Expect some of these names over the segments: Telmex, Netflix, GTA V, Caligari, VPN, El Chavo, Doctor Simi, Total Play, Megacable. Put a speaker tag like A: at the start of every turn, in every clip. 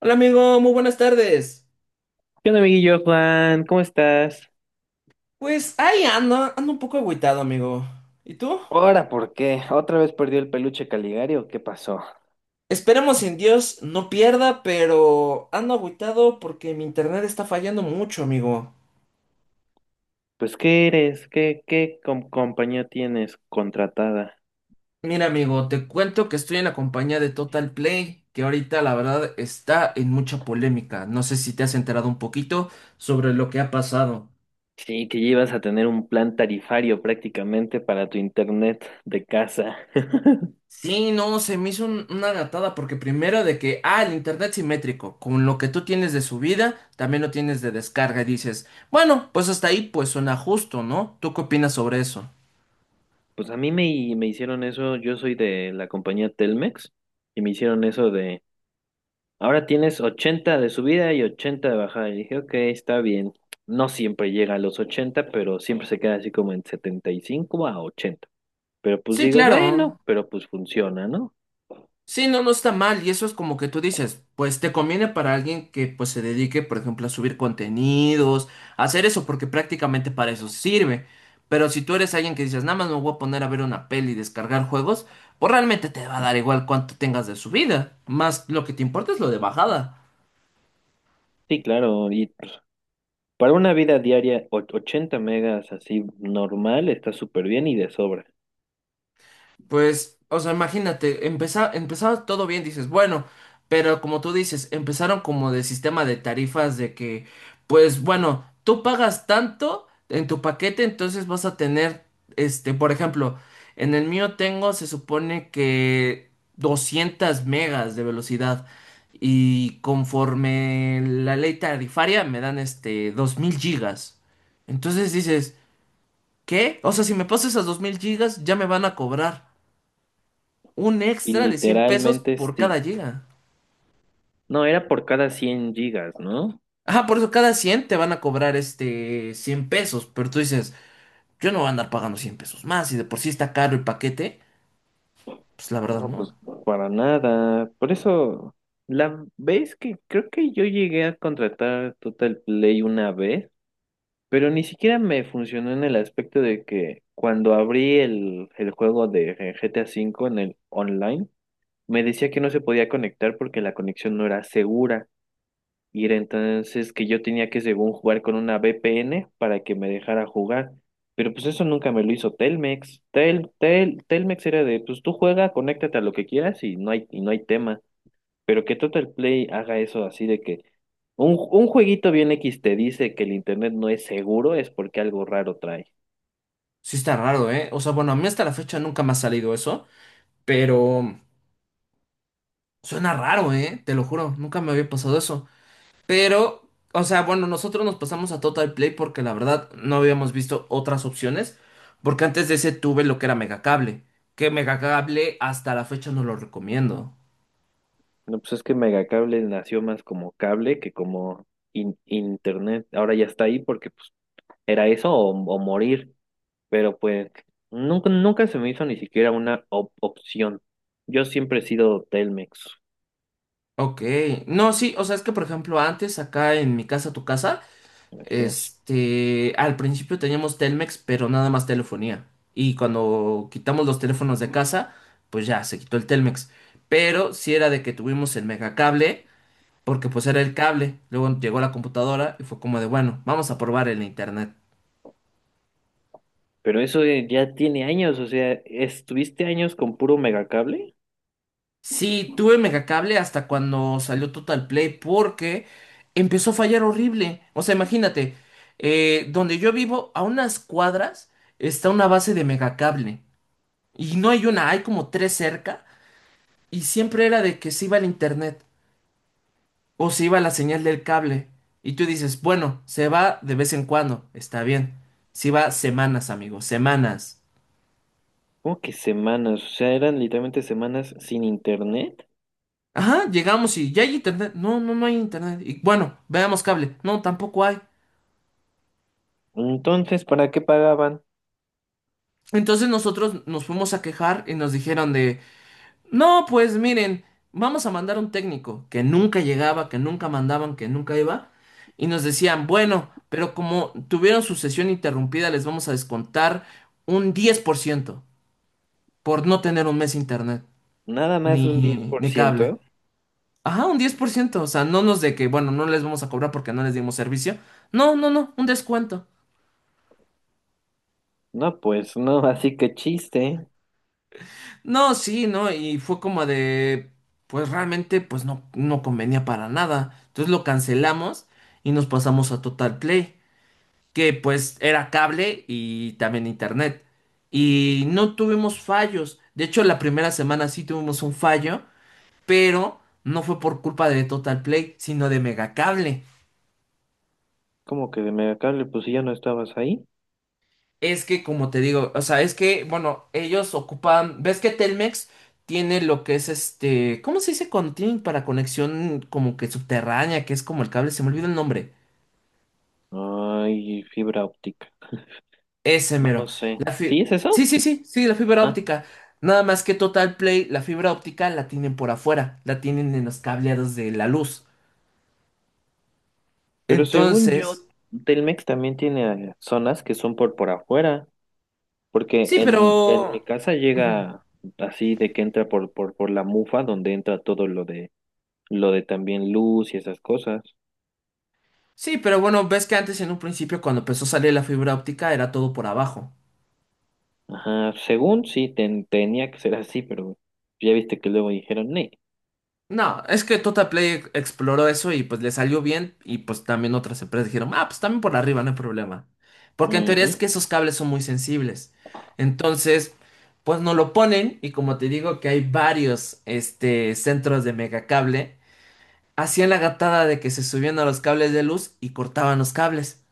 A: Hola amigo, muy buenas tardes.
B: ¿Qué onda, amiguillo Juan? ¿Cómo estás?
A: Pues ahí ando, ando un poco agüitado, amigo. ¿Y tú?
B: Ahora, ¿por qué? ¿Otra vez perdió el peluche Caligari o qué pasó?
A: Esperemos en Dios no pierda, pero ando agüitado porque mi internet está fallando mucho, amigo.
B: Pues, ¿qué eres? ¿Qué compañía tienes contratada?
A: Mira, amigo, te cuento que estoy en la compañía de Total Play, que ahorita la verdad está en mucha polémica. No sé si te has enterado un poquito sobre lo que ha pasado.
B: Sí, que llevas a tener un plan tarifario prácticamente para tu internet de casa.
A: Sí, no, se me hizo una gatada porque primero de que, el internet simétrico, con lo que tú tienes de subida, también lo tienes de descarga y dices, bueno, pues hasta ahí pues suena justo, ¿no? ¿Tú qué opinas sobre eso?
B: Pues a mí me hicieron eso, yo soy de la compañía Telmex, y me hicieron eso. Ahora tienes 80 de subida y 80 de bajada. Y dije, ok, está bien. No siempre llega a los 80, pero siempre se queda así como en 75 a 80. Pero pues
A: Sí,
B: digo,
A: claro.
B: bueno, pero pues funciona, ¿no?
A: Sí, no, no está mal. Y eso es como que tú dices, pues te conviene para alguien que pues se dedique, por ejemplo, a subir contenidos, a hacer eso, porque prácticamente para eso sirve. Pero si tú eres alguien que dices, nada más me voy a poner a ver una peli y descargar juegos, pues realmente te va a dar igual cuánto tengas de subida. Más lo que te importa es lo de bajada.
B: Sí, claro. Y pues, para una vida diaria, 80 megas así normal está súper bien y de sobra.
A: Pues, o sea, imagínate, empezaba todo bien, dices, bueno, pero como tú dices, empezaron como de sistema de tarifas de que, pues bueno, tú pagas tanto en tu paquete, entonces vas a tener, este, por ejemplo, en el mío tengo, se supone que 200 megas de velocidad y conforme la ley tarifaria me dan, este, 2,000 gigas. Entonces dices, ¿qué? O sea, si me paso esas 2,000 gigas, ya me van a cobrar un
B: Y
A: extra de 100 pesos
B: literalmente
A: por cada
B: sí.
A: giga.
B: No, era por cada 100 gigas, ¿no?
A: Ajá, por eso cada 100 te van a cobrar este 100 pesos, pero tú dices, yo no voy a andar pagando 100 pesos más y de por sí está caro el paquete, pues la verdad
B: No, pues
A: no.
B: para nada. Por eso, la vez que creo que yo llegué a contratar Total Play una vez, pero ni siquiera me funcionó en el aspecto de que cuando abrí el juego de GTA V en el online, me decía que no se podía conectar porque la conexión no era segura. Y era entonces que yo tenía que, según, jugar con una VPN para que me dejara jugar. Pero pues eso nunca me lo hizo Telmex. Telmex era de, pues tú juega, conéctate a lo que quieras y no hay tema. Pero que Total Play haga eso así de que un jueguito bien X te dice que el internet no es seguro, es porque algo raro trae.
A: Sí está raro, ¿eh? O sea, bueno, a mí hasta la fecha nunca me ha salido eso, pero suena raro, ¿eh? Te lo juro, nunca me había pasado eso. Pero, o sea, bueno, nosotros nos pasamos a Total Play porque la verdad no habíamos visto otras opciones, porque antes de ese tuve lo que era Megacable, que Megacable hasta la fecha no lo recomiendo.
B: No, pues es que Megacable nació más como cable que como internet. Ahora ya está ahí porque pues era eso o morir. Pero pues nunca, nunca se me hizo ni siquiera una opción. Yo siempre he sido Telmex,
A: Ok, no, sí, o sea, es que por ejemplo antes acá en mi casa, tu casa,
B: gracias.
A: este, al principio teníamos Telmex, pero nada más telefonía. Y cuando quitamos los teléfonos de casa, pues ya se quitó el Telmex. Pero sí era de que tuvimos el megacable, porque pues era el cable. Luego llegó la computadora y fue como de, bueno, vamos a probar el internet.
B: Pero eso ya tiene años, o sea, estuviste años con puro megacable.
A: Sí, tuve megacable hasta cuando salió Total Play porque empezó a fallar horrible. O sea, imagínate, donde yo vivo, a unas cuadras está una base de megacable. Y no hay una, hay como tres cerca. Y siempre era de que se iba el internet o se iba la señal del cable. Y tú dices, bueno, se va de vez en cuando, está bien. Se va semanas, amigo, semanas.
B: Como que semanas, o sea, eran literalmente semanas sin internet.
A: Ajá, llegamos y ya hay internet. No, no, no hay internet. Y bueno, veamos cable. No, tampoco hay.
B: Entonces, ¿para qué pagaban?
A: Entonces nosotros nos fuimos a quejar y nos dijeron de, no, pues miren, vamos a mandar un técnico que nunca llegaba, que nunca mandaban, que nunca iba. Y nos decían, bueno, pero como tuvieron su sesión interrumpida, les vamos a descontar un 10% por no tener un mes internet,
B: Nada más un diez
A: ni,
B: por
A: ni cable.
B: ciento
A: Ajá, un 10% o sea, no nos de que, bueno, no les vamos a cobrar porque no les dimos servicio. No, no, no, un descuento.
B: No, pues no, así que chiste.
A: No, sí, no, y fue como de, pues realmente, pues no, no convenía para nada. Entonces lo cancelamos y nos pasamos a Total Play, que pues era cable y también internet. Y no tuvimos fallos. De hecho, la primera semana sí tuvimos un fallo, pero no fue por culpa de Total Play, sino de Megacable.
B: Como que de megacable, pues si ya no estabas ahí.
A: Es que, como te digo, o sea, es que, bueno, ellos ocupan, ves que Telmex tiene lo que es este, ¿cómo se dice cuando tienen para conexión como que subterránea, que es como el cable? Se me olvida el nombre.
B: Ay, fibra óptica.
A: Ese
B: No,
A: mero.
B: no sé.
A: La fi-
B: ¿Sí es
A: Sí,
B: eso?
A: sí, sí, sí, la fibra
B: Ah,
A: óptica. Nada más que Total Play, la fibra óptica la tienen por afuera, la tienen en los cableados de la luz.
B: pero según yo,
A: Entonces,
B: Telmex también tiene zonas que son por afuera, porque
A: sí,
B: en
A: pero.
B: mi casa
A: Ujú.
B: llega así de que entra por la mufa, donde entra todo lo de también luz y esas cosas.
A: Sí, pero bueno, ves que antes en un principio cuando empezó a salir la fibra óptica era todo por abajo.
B: Ajá, según sí, tenía que ser así, pero ya viste que luego dijeron, no.
A: No, es que Total Play exploró eso y pues le salió bien y pues también otras empresas dijeron, ah, pues también por arriba, no hay problema. Porque en teoría es
B: Ujú.
A: que esos cables son muy sensibles. Entonces, pues no lo ponen y como te digo que hay varios este, centros de megacable, hacían la gatada de que se subían a los cables de luz y cortaban los cables.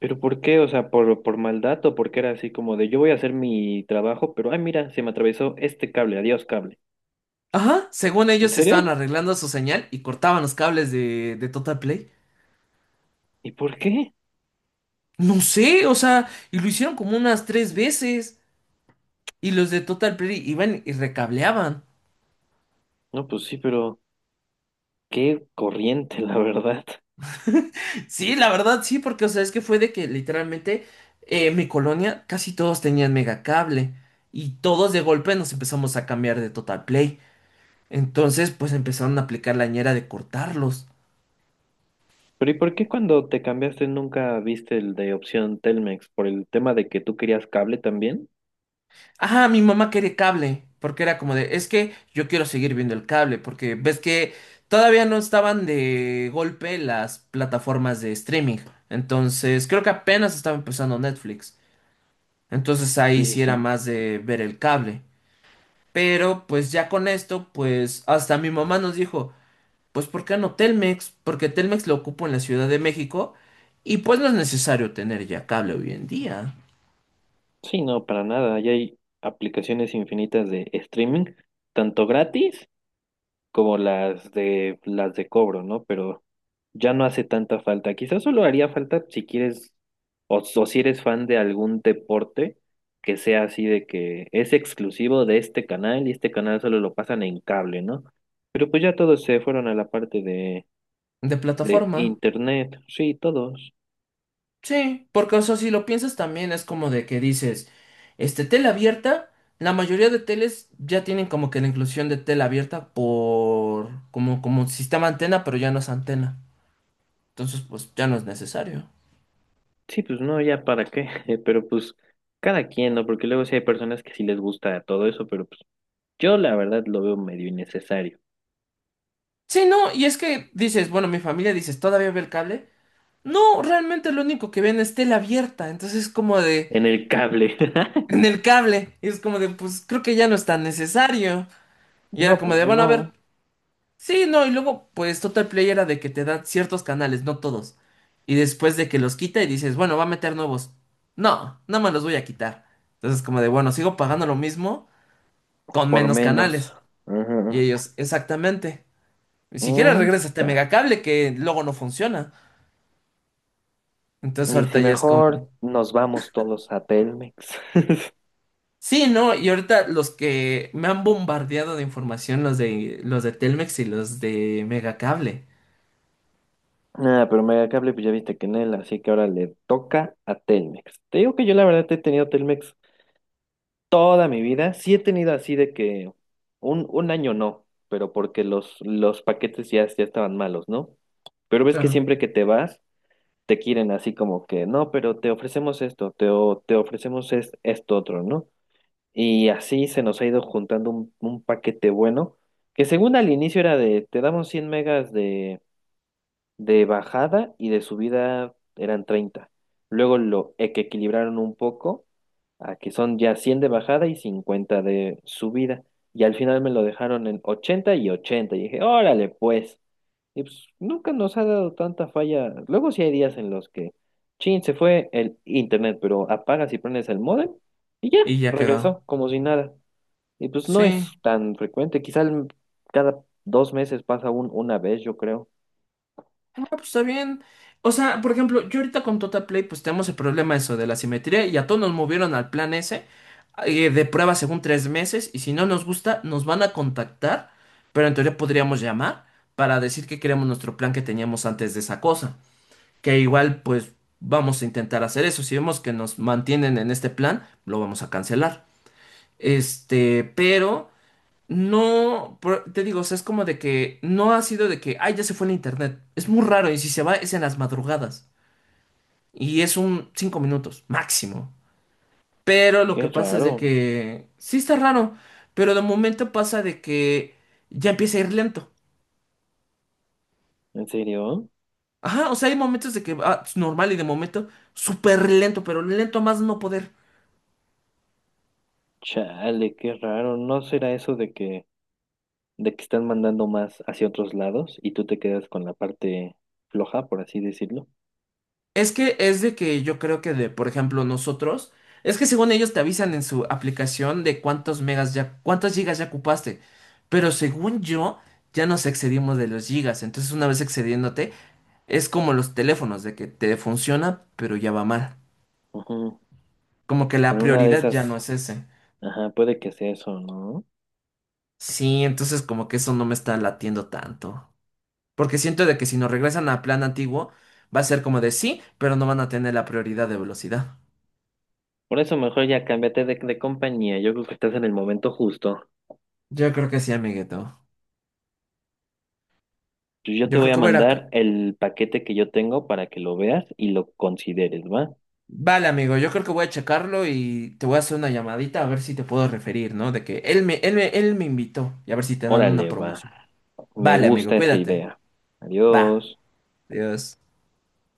B: Pero ¿por qué? O sea, por maldad o porque era así como de yo voy a hacer mi trabajo, pero ay, mira, se me atravesó este cable, adiós cable.
A: Ajá, según
B: ¿En
A: ellos estaban
B: serio?
A: arreglando su señal y cortaban los cables de, Total Play.
B: ¿Y por qué?
A: No sé, o sea, y lo hicieron como unas tres veces. Y los de Total Play iban y recableaban.
B: No, pues sí, pero... Qué corriente, la verdad.
A: Sí, la verdad, sí, porque, o sea, es que fue de que literalmente mi colonia casi todos tenían megacable. Y todos de golpe nos empezamos a cambiar de Total Play. Entonces, pues empezaron a aplicar la ñera de cortarlos.
B: Pero ¿y por qué cuando te cambiaste nunca viste el de opción Telmex? ¿Por el tema de que tú querías cable también?
A: Ajá, mi mamá quería cable. Porque era como de, es que yo quiero seguir viendo el cable. Porque ves que todavía no estaban de golpe las plataformas de streaming. Entonces, creo que apenas estaba empezando Netflix. Entonces ahí
B: Sí, sí,
A: sí era
B: sí.
A: más de ver el cable. Pero pues ya con esto, pues hasta mi mamá nos dijo, pues ¿por qué no Telmex? Porque Telmex lo ocupo en la Ciudad de México y pues no es necesario tener ya cable hoy en día
B: Sí, no, para nada. Ya hay aplicaciones infinitas de streaming, tanto gratis como las de cobro, ¿no? Pero ya no hace tanta falta. Quizás solo haría falta si quieres o si eres fan de algún deporte que sea así de que es exclusivo de este canal y este canal solo lo pasan en cable, ¿no? Pero pues ya todos se fueron a la parte de,
A: de
B: de
A: plataforma.
B: internet. Sí, todos.
A: Sí, porque o sea, si lo piensas también es como de que dices, este tela abierta, la mayoría de teles ya tienen como que la inclusión de tela abierta por como sistema antena, pero ya no es antena. Entonces, pues ya no es necesario.
B: Sí, pues no, ya para qué. Pero pues cada quien, ¿no? Porque luego sí hay personas que sí les gusta todo eso, pero pues yo la verdad lo veo medio innecesario.
A: Sí, no, y es que dices, bueno, mi familia dices, ¿todavía ve el cable? No, realmente lo único que ven es tela abierta, entonces es como de,
B: En el cable.
A: en el cable, y es como de, pues creo que ya no es tan necesario. Y era
B: No,
A: como
B: pues
A: de, bueno, a ver,
B: no,
A: sí, no, y luego, pues Total Play era de que te dan ciertos canales, no todos. Y después de que los quita y dices, bueno, va a meter nuevos. No, no me los voy a quitar. Entonces como de, bueno, sigo pagando lo mismo con
B: por
A: menos
B: menos.
A: canales. Y
B: Ujú.
A: ellos, exactamente. Ni siquiera
B: Mm,
A: regresa este
B: ta.
A: megacable que luego no funciona. Entonces
B: Y
A: ahorita
B: si
A: ya es como,
B: mejor nos vamos todos a Telmex.
A: sí, ¿no? Y ahorita los que me han bombardeado de información, los de Telmex y los de Megacable.
B: Nada, pero Megacable, pues ya viste que en él, así que ahora le toca a Telmex. Te digo que yo la verdad he tenido Telmex toda mi vida. Sí he tenido así de que un año no, pero porque los paquetes ya estaban malos, ¿no? Pero ves que
A: Claro.
B: siempre que te vas, te quieren así como que, no, pero te ofrecemos esto, te ofrecemos esto otro, ¿no? Y así se nos ha ido juntando un paquete bueno, que según al inicio era de, te damos 100 megas de bajada y de subida eran 30. Luego lo que equilibraron un poco, a que son ya 100 de bajada y 50 de subida. Y al final me lo dejaron en 80 y 80. Y dije, órale pues. Y pues nunca nos ha dado tanta falla. Luego sí hay días en los que, chin, se fue el internet, pero apagas y prendes el módem y ya,
A: Y ya quedó.
B: regresó como si nada. Y pues no es
A: Sí,
B: tan frecuente, quizá cada 2 meses pasa una vez, yo creo.
A: no, pues está bien. O sea, por ejemplo, yo ahorita con Totaplay, pues tenemos el problema eso de la simetría y a todos nos movieron al plan ese de prueba según 3 meses y si no nos gusta, nos van a contactar, pero en teoría podríamos llamar para decir que queremos nuestro plan que teníamos antes de esa cosa. Que igual pues vamos a intentar hacer eso. Si vemos que nos mantienen en este plan, lo vamos a cancelar. Este, pero no, te digo, o sea, es como de que no ha sido de que, ay, ya se fue el internet. Es muy raro y si se va es en las madrugadas y es un 5 minutos máximo. Pero lo que
B: Qué
A: pasa es
B: raro,
A: de que sí está raro, pero de momento pasa de que ya empieza a ir lento.
B: ¿en serio?
A: Ajá, o sea, hay momentos de que va normal y de momento súper lento, pero lento a más no poder.
B: Chale, qué raro. ¿No será eso de que están mandando más hacia otros lados y tú te quedas con la parte floja, por así decirlo?
A: Es que es de que yo creo que de, por ejemplo, nosotros, es que según ellos te avisan en su aplicación de cuántos megas ya, cuántas gigas ya ocupaste, pero según yo, ya nos excedimos de los gigas, entonces una vez excediéndote, es como los teléfonos, de que te funciona, pero ya va mal,
B: Ujú.
A: como que la
B: En una de
A: prioridad ya no
B: esas,
A: es ese.
B: ajá, puede que sea eso, ¿no?
A: Sí, entonces como que eso no me está latiendo tanto, porque siento de que si nos regresan a plan antiguo, va a ser como de sí, pero no van a tener la prioridad de velocidad.
B: Por eso mejor ya cámbiate de compañía. Yo creo que estás en el momento justo.
A: Yo creo que sí, amiguito.
B: Pues yo
A: Yo
B: te voy
A: creo
B: a
A: que voy a ir a.
B: mandar el paquete que yo tengo para que lo veas y lo consideres, ¿va?
A: Vale, amigo, yo creo que voy a checarlo y te voy a hacer una llamadita a ver si te puedo referir, ¿no? De que él me invitó y a ver si te dan una
B: Órale, va.
A: promoción.
B: Me
A: Vale, amigo,
B: gusta esa
A: cuídate.
B: idea.
A: Va.
B: Adiós.
A: Adiós.